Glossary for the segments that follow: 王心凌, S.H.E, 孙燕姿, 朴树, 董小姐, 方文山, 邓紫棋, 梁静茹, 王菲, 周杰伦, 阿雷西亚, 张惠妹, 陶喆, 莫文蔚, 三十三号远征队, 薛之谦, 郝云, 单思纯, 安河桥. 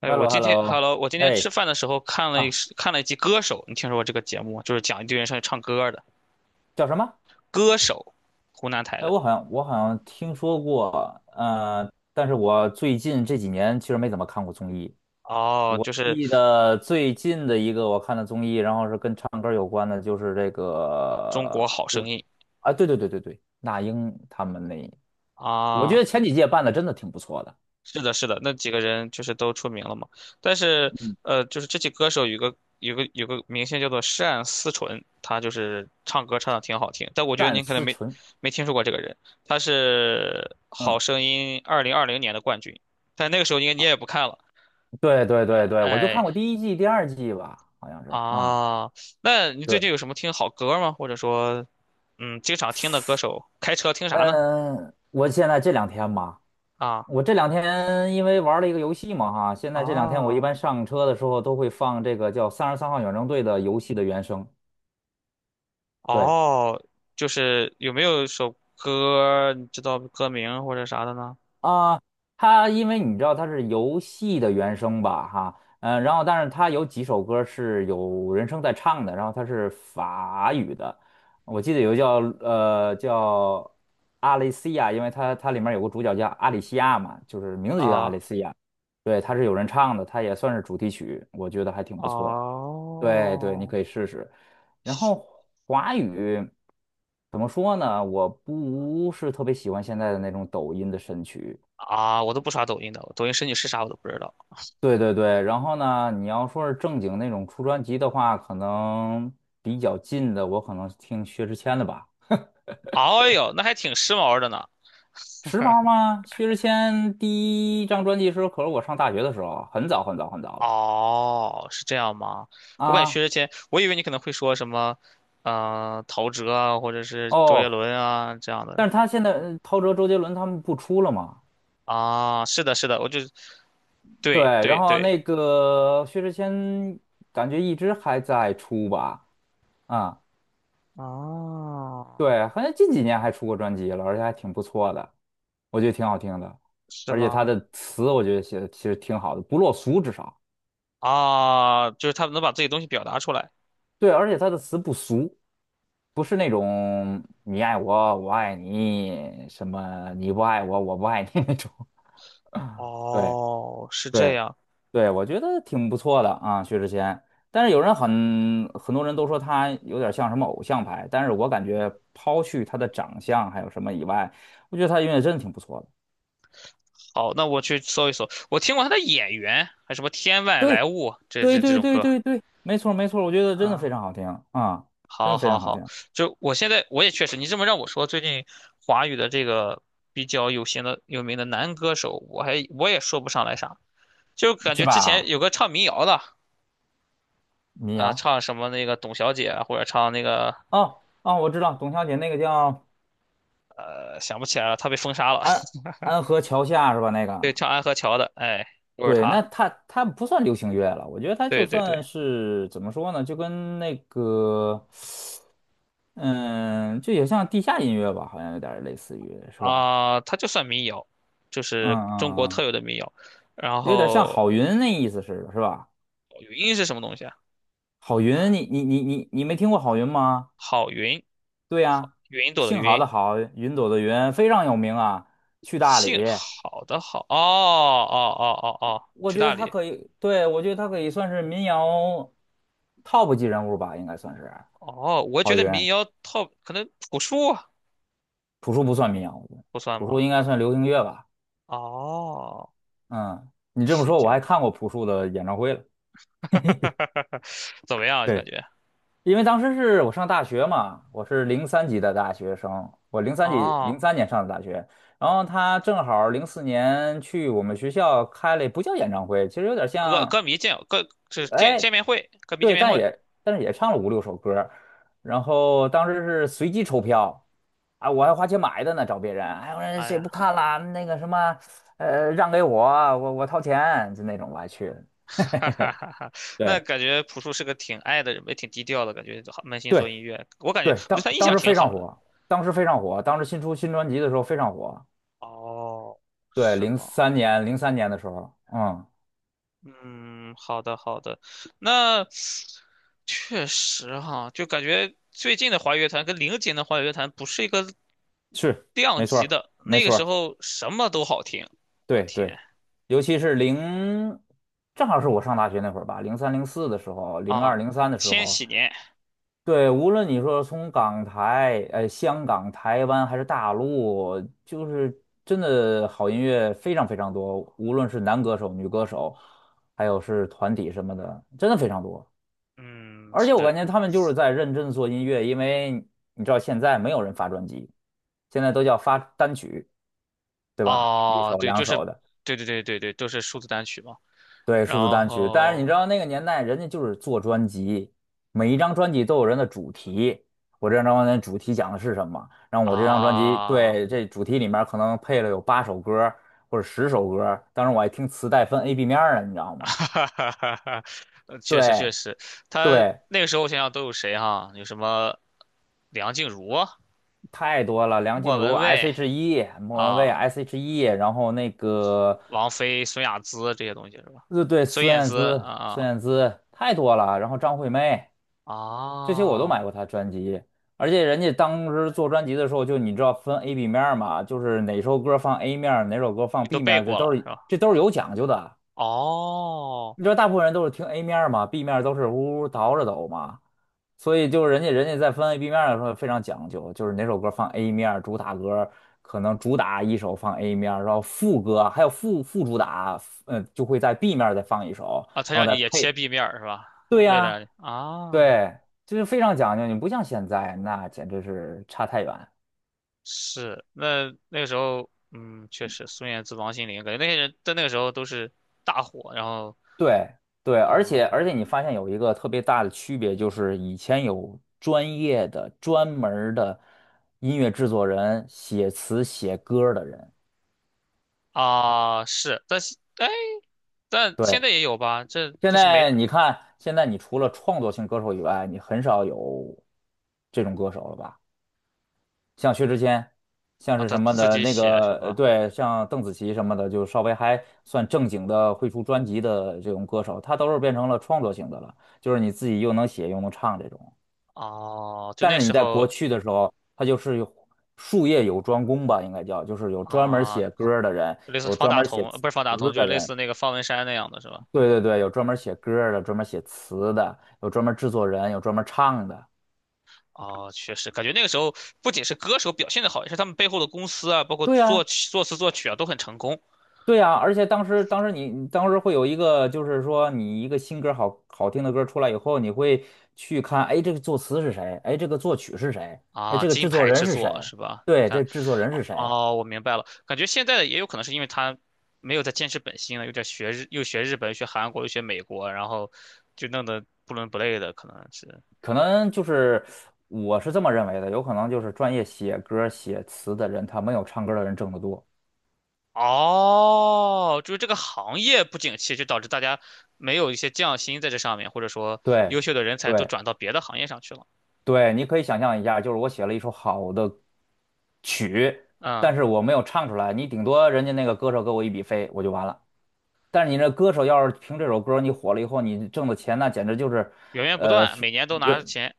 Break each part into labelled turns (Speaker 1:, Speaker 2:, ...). Speaker 1: 哎，
Speaker 2: h e l l
Speaker 1: 我
Speaker 2: o h e
Speaker 1: 今
Speaker 2: l l
Speaker 1: 天
Speaker 2: o
Speaker 1: ，Hello，我今天吃
Speaker 2: 哎
Speaker 1: 饭的时候看了一
Speaker 2: 啊，
Speaker 1: 看了一集《歌手》，你听说过这个节目吗？就是讲一堆人上去唱歌的，
Speaker 2: 叫什么？
Speaker 1: 《歌手》，湖南台
Speaker 2: 哎，
Speaker 1: 的。
Speaker 2: 我好像听说过，但是我最近这几年其实没怎么看过综艺。
Speaker 1: 哦，
Speaker 2: 我
Speaker 1: 就是
Speaker 2: 记得最近的一个我看的综艺，然后是跟唱歌有关的，就是这
Speaker 1: 中国
Speaker 2: 个，
Speaker 1: 好
Speaker 2: 就
Speaker 1: 声
Speaker 2: 是
Speaker 1: 音
Speaker 2: 啊，对对对对对，那英他们那，我觉
Speaker 1: 啊，
Speaker 2: 得前几届办的真的挺不错的。
Speaker 1: 是的，是的，那几个人就是都出名了嘛。但是，
Speaker 2: 嗯，
Speaker 1: 就是这期歌手有个明星叫做单思纯，他就是唱歌唱的挺好听，但我觉得
Speaker 2: 单
Speaker 1: 您可能
Speaker 2: 思
Speaker 1: 没
Speaker 2: 纯，
Speaker 1: 没听说过这个人，他是《好
Speaker 2: 嗯，
Speaker 1: 声音》2020年的冠军，但那个时候应该你也不看了，
Speaker 2: 对对对对，我就看
Speaker 1: 哎。
Speaker 2: 过第一季、第二季吧，好像是啊，
Speaker 1: 啊，那你最
Speaker 2: 对，
Speaker 1: 近有什么听好歌吗？或者说，嗯，经常听的歌手，开车听啥呢？
Speaker 2: 嗯、我现在这两天吧。
Speaker 1: 啊
Speaker 2: 我这两天因为玩了一个游戏嘛，哈，现在这两天我一
Speaker 1: 啊
Speaker 2: 般上车的时候都会放这个叫《三十三号远征队》的游戏的原声。对
Speaker 1: 哦，就是有没有首歌你知道歌名或者啥的呢？
Speaker 2: 啊，它因为你知道它是游戏的原声吧，哈，嗯，然后但是它有几首歌是有人声在唱的，然后它是法语的，我记得有个叫阿雷西亚，因为它里面有个主角叫阿里西亚嘛，就是名字就叫阿
Speaker 1: 啊
Speaker 2: 雷西亚，对，它是有人唱的，它也算是主题曲，我觉得还挺不错。对对，你
Speaker 1: 哦
Speaker 2: 可以试试。然后华语怎么说呢？我不是特别喜欢现在的那种抖音的神曲。
Speaker 1: 啊，我都不刷抖音的，抖音神请是啥我都不知道。
Speaker 2: 对对对，然后呢，你要说是正经那种出专辑的话，可能比较近的，我可能听薛之谦的吧。
Speaker 1: 哎呦，那还挺时髦的呢。
Speaker 2: 时髦吗？薛之谦第一张专辑是可是我上大学的时候，很早很早很早了
Speaker 1: 哦，是这样吗？我感觉薛
Speaker 2: 啊。
Speaker 1: 之谦，我以为你可能会说什么，嗯、陶喆啊，或者是周杰
Speaker 2: 哦，
Speaker 1: 伦啊这样的。
Speaker 2: 但是他现在陶喆、周杰伦他们不出了吗？
Speaker 1: 啊，是的，是的，我就，
Speaker 2: 对，
Speaker 1: 对
Speaker 2: 然
Speaker 1: 对
Speaker 2: 后
Speaker 1: 对，
Speaker 2: 那个薛之谦感觉一直还在出吧，啊、
Speaker 1: 啊，
Speaker 2: 对，好像近几年还出过专辑了，而且还挺不错的，我觉得挺好听的，
Speaker 1: 是
Speaker 2: 而且他
Speaker 1: 吗？
Speaker 2: 的词我觉得写的其实挺好的，不落俗至少，
Speaker 1: 啊，就是他们能把自己东西表达出来。
Speaker 2: 对，而且他的词不俗，不是那种你爱我我爱你什么你不爱我我不爱你那种，对
Speaker 1: 哦，是这
Speaker 2: 对
Speaker 1: 样。
Speaker 2: 对，我觉得挺不错的啊，薛之谦。但是有人很多人都说他有点像什么偶像派，但是我感觉抛去他的长相还有什么以外，我觉得他音乐真的挺不错的。
Speaker 1: 好，那我去搜一搜。我听过他的演员，还有什么《天外来
Speaker 2: 对，
Speaker 1: 物》这
Speaker 2: 对，
Speaker 1: 这这
Speaker 2: 对，
Speaker 1: 种
Speaker 2: 对，
Speaker 1: 歌
Speaker 2: 对，对，没错，没错，我觉得真的非
Speaker 1: 啊。
Speaker 2: 常好听啊，真
Speaker 1: 好，
Speaker 2: 的非
Speaker 1: 好，
Speaker 2: 常好听，
Speaker 1: 好。就我现在我也确实，你这么让我说，最近华语的这个比较有型的、有名的男歌手，我也说不上来啥。就感
Speaker 2: 是
Speaker 1: 觉之前
Speaker 2: 吧？
Speaker 1: 有个唱民谣的，
Speaker 2: 民谣，
Speaker 1: 唱什么那个董小姐啊或者唱那个
Speaker 2: 哦哦，我知道，董小姐那个叫
Speaker 1: 想不起来了，他被封杀了。
Speaker 2: 安安河桥下是吧？那
Speaker 1: 对，
Speaker 2: 个。
Speaker 1: 唱《安河桥》的，哎，就是
Speaker 2: 对，那
Speaker 1: 他。
Speaker 2: 他不算流行乐了，我觉得他
Speaker 1: 对
Speaker 2: 就
Speaker 1: 对对，
Speaker 2: 算是怎么说呢，就跟那个。嗯，就也像地下音乐吧，好像有点儿类似于，是吧？
Speaker 1: 啊、他就算民谣，就
Speaker 2: 嗯
Speaker 1: 是中国
Speaker 2: 嗯
Speaker 1: 特
Speaker 2: 嗯，
Speaker 1: 有的民谣。然
Speaker 2: 有点像
Speaker 1: 后
Speaker 2: 郝云那意思似的，是吧？
Speaker 1: 云是什么东西啊？
Speaker 2: 郝云，你没听过郝云吗？
Speaker 1: 好云，
Speaker 2: 对
Speaker 1: 好，
Speaker 2: 呀，
Speaker 1: 云朵的
Speaker 2: 姓郝
Speaker 1: 云，
Speaker 2: 的郝，云朵的云，非常有名啊。去大理，
Speaker 1: 姓好的好。哦哦哦哦哦，
Speaker 2: 我
Speaker 1: 去
Speaker 2: 觉得
Speaker 1: 大
Speaker 2: 他
Speaker 1: 理。
Speaker 2: 可以，对，我觉得他可以算是民谣 top 级人物吧，应该算是
Speaker 1: 哦，我觉
Speaker 2: 郝
Speaker 1: 得
Speaker 2: 云。
Speaker 1: 民谣套可能朴树啊
Speaker 2: 朴树不算民谣，我觉得
Speaker 1: 不算
Speaker 2: 朴
Speaker 1: 吗？
Speaker 2: 树应该算流行乐吧。
Speaker 1: 哦，
Speaker 2: 嗯，你这么
Speaker 1: 七
Speaker 2: 说，
Speaker 1: 九，
Speaker 2: 我还看过朴树的演唱会了。
Speaker 1: 怎么样啊？感
Speaker 2: 对。
Speaker 1: 觉
Speaker 2: 因为当时是我上大学嘛，我是零三级的大学生，我零三级
Speaker 1: 哦，
Speaker 2: 零三年上的大学，然后他正好零四年去我们学校开了，不叫演唱会，其实有点
Speaker 1: 歌
Speaker 2: 像，
Speaker 1: 歌迷见歌就是见见
Speaker 2: 哎，
Speaker 1: 面会，歌迷见
Speaker 2: 对，
Speaker 1: 面
Speaker 2: 但
Speaker 1: 会。
Speaker 2: 也但是也唱了五六首歌，然后当时是随机抽票，啊，我还花钱买的呢，找别人，哎，我说
Speaker 1: 哎
Speaker 2: 谁
Speaker 1: 呀，
Speaker 2: 不看啦？那个什么，让给我，我掏钱，就那种我还去了，
Speaker 1: 哈哈哈哈！那
Speaker 2: 对。
Speaker 1: 感觉朴树是个挺爱的人，也挺低调的，感觉好扪心做
Speaker 2: 对，
Speaker 1: 音乐。我感觉
Speaker 2: 对，
Speaker 1: 我对
Speaker 2: 当
Speaker 1: 他印
Speaker 2: 当
Speaker 1: 象
Speaker 2: 时
Speaker 1: 挺
Speaker 2: 非常
Speaker 1: 好的。
Speaker 2: 火，当时非常火，当时新出新专辑的时候非常火。
Speaker 1: 哦，
Speaker 2: 对，
Speaker 1: 是
Speaker 2: 零
Speaker 1: 吗？
Speaker 2: 三年，零三年的时候，嗯，
Speaker 1: 嗯，好的好的。那确实哈，就感觉最近的华语乐坛跟零几年的华语乐坛不是一个
Speaker 2: 是，
Speaker 1: 量
Speaker 2: 没错
Speaker 1: 级
Speaker 2: 儿，
Speaker 1: 的。
Speaker 2: 没
Speaker 1: 那个
Speaker 2: 错
Speaker 1: 时
Speaker 2: 儿，
Speaker 1: 候什么都好听，我
Speaker 2: 对
Speaker 1: 天
Speaker 2: 对，尤其是零，正好是我上大学那会儿吧，零三零四的时候，零二
Speaker 1: 啊！
Speaker 2: 零三的时
Speaker 1: 千
Speaker 2: 候，
Speaker 1: 禧年，
Speaker 2: 对，无论你说从港台、香港、台湾还是大陆，就是真的好音乐非常非常多，无论是男歌手、女歌手，还有是团体什么的，真的非常多。
Speaker 1: 嗯，
Speaker 2: 而且我
Speaker 1: 是
Speaker 2: 感觉他们就是在认真做音乐，因为你知道现在没有人发专辑，现在都叫发单曲，对吧？一
Speaker 1: 哦，
Speaker 2: 首
Speaker 1: 对，
Speaker 2: 两
Speaker 1: 就是，
Speaker 2: 首的，
Speaker 1: 对对对对对，都是数字单曲嘛。
Speaker 2: 对，数字
Speaker 1: 然
Speaker 2: 单曲。但是你知
Speaker 1: 后
Speaker 2: 道那个年代，人家就是做专辑，每一张专辑都有人的主题。我这张专辑的主题讲的是什么？然后我这张专辑，
Speaker 1: 啊，
Speaker 2: 对，这主题里面可能配了有八首歌或者十首歌当时我还听磁带分 A、B 面儿呢，你知道吗？
Speaker 1: 哈哈哈哈，确实确
Speaker 2: 对
Speaker 1: 实，他
Speaker 2: 对，
Speaker 1: 那个时候想想都有谁哈、有什么梁静茹啊、
Speaker 2: 太多了，梁静
Speaker 1: 莫
Speaker 2: 茹
Speaker 1: 文蔚
Speaker 2: S.H.E、莫文蔚
Speaker 1: 啊、
Speaker 2: S.H.E，然后那个，
Speaker 1: 王菲、孙雅姿这些东西是吧？
Speaker 2: 对，
Speaker 1: 孙
Speaker 2: 孙
Speaker 1: 燕
Speaker 2: 燕
Speaker 1: 姿
Speaker 2: 姿，孙
Speaker 1: 啊
Speaker 2: 燕姿太多了，然后张惠妹，
Speaker 1: 啊啊，
Speaker 2: 这些我都
Speaker 1: 哦
Speaker 2: 买过她专辑，而且人家当时做专辑的时候，就你知道分 A、B 面儿嘛，就是哪首歌放 A 面儿，哪首歌放
Speaker 1: 你都
Speaker 2: B 面
Speaker 1: 背
Speaker 2: 儿，这
Speaker 1: 过
Speaker 2: 都
Speaker 1: 了是
Speaker 2: 是
Speaker 1: 吧？
Speaker 2: 这都是有讲究的。
Speaker 1: 哦，
Speaker 2: 你知道大部分人都是听 A 面儿嘛，B 面儿都是呜呜倒着走嘛，所以就是人家在分 A B 面儿的时候非常讲究，就是哪首歌放 A 面儿主打歌可能主打一首放 A 面儿然后副歌还有副主打，嗯，就会在 B 面儿再放一首，
Speaker 1: 啊，
Speaker 2: 然
Speaker 1: 他
Speaker 2: 后
Speaker 1: 让
Speaker 2: 再
Speaker 1: 你也切
Speaker 2: 配。
Speaker 1: B 面儿是吧？啊
Speaker 2: 对
Speaker 1: 为了
Speaker 2: 呀，
Speaker 1: 让你啊，
Speaker 2: 对，就是非常讲究，你不像现在，那简直是差太远。
Speaker 1: 是那那个时候，嗯，确实孙燕姿、王心凌，感觉那些人在那个时候都是大火，然后
Speaker 2: 对对，而且而
Speaker 1: 啊。
Speaker 2: 且你发现有一个特别大的区别，就是以前有专业的、专门儿的音乐制作人写词写歌儿的人，
Speaker 1: 啊，是，但是哎，但现
Speaker 2: 对。
Speaker 1: 在也有吧？这
Speaker 2: 现
Speaker 1: 就是没
Speaker 2: 在你看，现在你除了创作型歌手以外，你很少有这种歌手了吧？像薛之谦，像
Speaker 1: 啊，
Speaker 2: 是
Speaker 1: 他
Speaker 2: 什么
Speaker 1: 自
Speaker 2: 的
Speaker 1: 己
Speaker 2: 那
Speaker 1: 写是
Speaker 2: 个，
Speaker 1: 吧？
Speaker 2: 对，像邓紫棋什么的，就稍微还算正经的会出专辑的这种歌手，他都是变成了创作型的了，就是你自己又能写又能唱这种。
Speaker 1: 哦，就那
Speaker 2: 但是
Speaker 1: 时
Speaker 2: 你在国
Speaker 1: 候
Speaker 2: 去的时候，他就是有术业有专攻吧，应该叫，就是有专门
Speaker 1: 啊，
Speaker 2: 写歌儿的人，
Speaker 1: 类似
Speaker 2: 有
Speaker 1: 方
Speaker 2: 专
Speaker 1: 大
Speaker 2: 门写
Speaker 1: 同，
Speaker 2: 词
Speaker 1: 不是方大同，就
Speaker 2: 的
Speaker 1: 是类
Speaker 2: 人，
Speaker 1: 似那个方文山那样的是吧？就
Speaker 2: 对对
Speaker 1: 是
Speaker 2: 对，有专门写歌儿的，专门写词的，有专门制作人，有专门唱的。
Speaker 1: 哦，确实感觉那个时候不仅是歌手表现的好，也是他们背后的公司啊，包括
Speaker 2: 对呀，
Speaker 1: 作曲、作词、作曲啊，都很成功。
Speaker 2: 对呀，而且当时，当时你当时会有一个，就是说你一个新歌好好听的歌出来以后，你会去看，哎，这个作词是谁？哎，这个作曲是谁？哎，
Speaker 1: 啊，
Speaker 2: 这个
Speaker 1: 金
Speaker 2: 制作
Speaker 1: 牌
Speaker 2: 人
Speaker 1: 制
Speaker 2: 是
Speaker 1: 作
Speaker 2: 谁？
Speaker 1: 是吧？你
Speaker 2: 对，
Speaker 1: 看，
Speaker 2: 这制作人是谁？
Speaker 1: 哦，我明白了。感觉现在的也有可能是因为他没有在坚持本心了，有点学日，又学日本，又学韩国，又学美国，然后就弄得不伦不类的，可能是。
Speaker 2: 可能就是我是这么认为的，有可能就是专业写歌写词的人，他没有唱歌的人挣得多。
Speaker 1: 哦，就是这个行业不景气，就导致大家没有一些匠心在这上面，或者说优
Speaker 2: 对，
Speaker 1: 秀的人才都
Speaker 2: 对，
Speaker 1: 转到别的行业上去了。
Speaker 2: 对，你可以想象一下，就是我写了一首好的曲，
Speaker 1: 嗯，
Speaker 2: 但是我没有唱出来，你顶多人家那个歌手给我一笔费，我就完了。但是你这歌手要是凭这首歌儿你火了以后，你挣的钱那简直就是，
Speaker 1: 源源不
Speaker 2: 呃，
Speaker 1: 断，
Speaker 2: 是
Speaker 1: 每年都拿
Speaker 2: 原
Speaker 1: 钱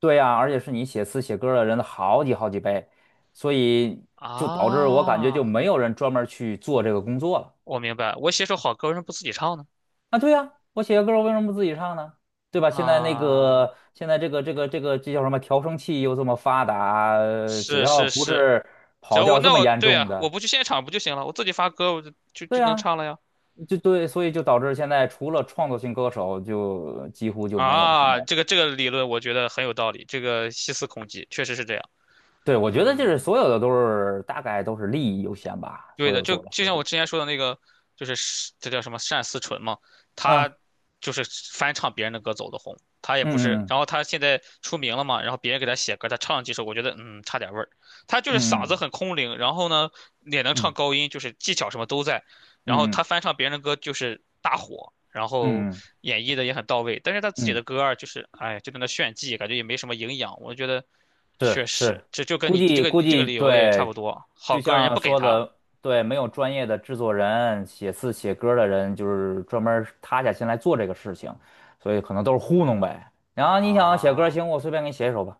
Speaker 2: 对呀、而且是你写词写歌儿的人的好几好几倍，所以就导致我感觉就
Speaker 1: 啊。
Speaker 2: 没有人专门儿去做这个工作了。
Speaker 1: 我明白，我写首好歌，为什么不自己唱呢？
Speaker 2: 啊，对呀、我写个歌儿我为什么不自己唱呢？对吧？现在那
Speaker 1: 啊，
Speaker 2: 个现在这叫什么调声器又这么发达，只
Speaker 1: 是
Speaker 2: 要
Speaker 1: 是
Speaker 2: 不
Speaker 1: 是，
Speaker 2: 是
Speaker 1: 只
Speaker 2: 跑
Speaker 1: 要我
Speaker 2: 调这
Speaker 1: 那
Speaker 2: 么
Speaker 1: 我
Speaker 2: 严
Speaker 1: 对
Speaker 2: 重
Speaker 1: 啊，我
Speaker 2: 的。
Speaker 1: 不去现场不就行了？我自己发歌我就就
Speaker 2: 对
Speaker 1: 就能
Speaker 2: 呀，
Speaker 1: 唱了呀。
Speaker 2: 就对，所以就导致现在除了创作型歌手，就几乎就没有什
Speaker 1: 啊，
Speaker 2: 么。
Speaker 1: 这个理论我觉得很有道理，这个细思恐极，确实是这样。
Speaker 2: 对，我觉得就是
Speaker 1: 嗯。
Speaker 2: 所有的都是大概都是利益优先吧，
Speaker 1: 对
Speaker 2: 所
Speaker 1: 的，
Speaker 2: 有
Speaker 1: 就
Speaker 2: 做的
Speaker 1: 就
Speaker 2: 事
Speaker 1: 像
Speaker 2: 情。
Speaker 1: 我之前说的那个，就是是这叫什么单思纯嘛，他
Speaker 2: 啊
Speaker 1: 就是翻唱别人的歌走的红，他也不是，
Speaker 2: 嗯
Speaker 1: 然后他现在出名了嘛，然后别人给他写歌，他唱了几首，我觉得嗯差点味儿，他就是嗓子
Speaker 2: 嗯
Speaker 1: 很空灵，然后呢也能
Speaker 2: 嗯
Speaker 1: 唱
Speaker 2: 嗯
Speaker 1: 高音，就是技巧什么都在，然后
Speaker 2: 嗯嗯
Speaker 1: 他翻唱别人的歌就是大火，然
Speaker 2: 嗯
Speaker 1: 后
Speaker 2: 嗯嗯
Speaker 1: 演绎的也很到位，但是他自己
Speaker 2: 嗯，
Speaker 1: 的歌儿就是哎就在那炫技，感觉也没什么营养，我觉得确
Speaker 2: 是是，
Speaker 1: 实这就跟
Speaker 2: 估
Speaker 1: 你你这
Speaker 2: 计
Speaker 1: 个
Speaker 2: 估
Speaker 1: 你这个
Speaker 2: 计
Speaker 1: 理由也差不
Speaker 2: 对，
Speaker 1: 多，好
Speaker 2: 就
Speaker 1: 歌人家
Speaker 2: 像
Speaker 1: 不给
Speaker 2: 说
Speaker 1: 他。
Speaker 2: 的，对，没有专业的制作人、写字写歌的人，就是专门儿塌下心来做这个事情，所以可能都是糊弄呗。然后你想写歌，
Speaker 1: 啊，
Speaker 2: 行，我随便给你写一首吧，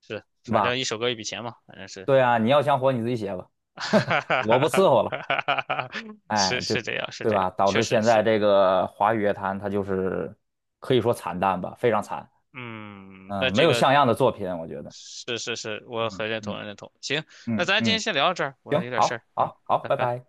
Speaker 1: 是，
Speaker 2: 对
Speaker 1: 反
Speaker 2: 吧？
Speaker 1: 正一首歌一笔钱嘛，反正是，
Speaker 2: 对啊，你要想火你自己写吧，
Speaker 1: 哈 哈
Speaker 2: 我不伺
Speaker 1: 哈
Speaker 2: 候了，
Speaker 1: 哈哈，是
Speaker 2: 哎，就
Speaker 1: 是这样，是
Speaker 2: 对
Speaker 1: 这
Speaker 2: 吧？
Speaker 1: 样，
Speaker 2: 导
Speaker 1: 确
Speaker 2: 致
Speaker 1: 实
Speaker 2: 现在
Speaker 1: 是，
Speaker 2: 这个华语乐坛它就是可以说惨淡吧，非常惨，
Speaker 1: 嗯，那
Speaker 2: 嗯，没
Speaker 1: 这
Speaker 2: 有
Speaker 1: 个
Speaker 2: 像样的作品，我觉得，
Speaker 1: 是是是，我
Speaker 2: 嗯
Speaker 1: 很认同，
Speaker 2: 嗯
Speaker 1: 很认同。行，那
Speaker 2: 嗯
Speaker 1: 咱今天
Speaker 2: 嗯，
Speaker 1: 先聊到这儿，我
Speaker 2: 行，
Speaker 1: 有点事
Speaker 2: 好，
Speaker 1: 儿，嗯，
Speaker 2: 好，好，
Speaker 1: 拜
Speaker 2: 拜
Speaker 1: 拜。
Speaker 2: 拜。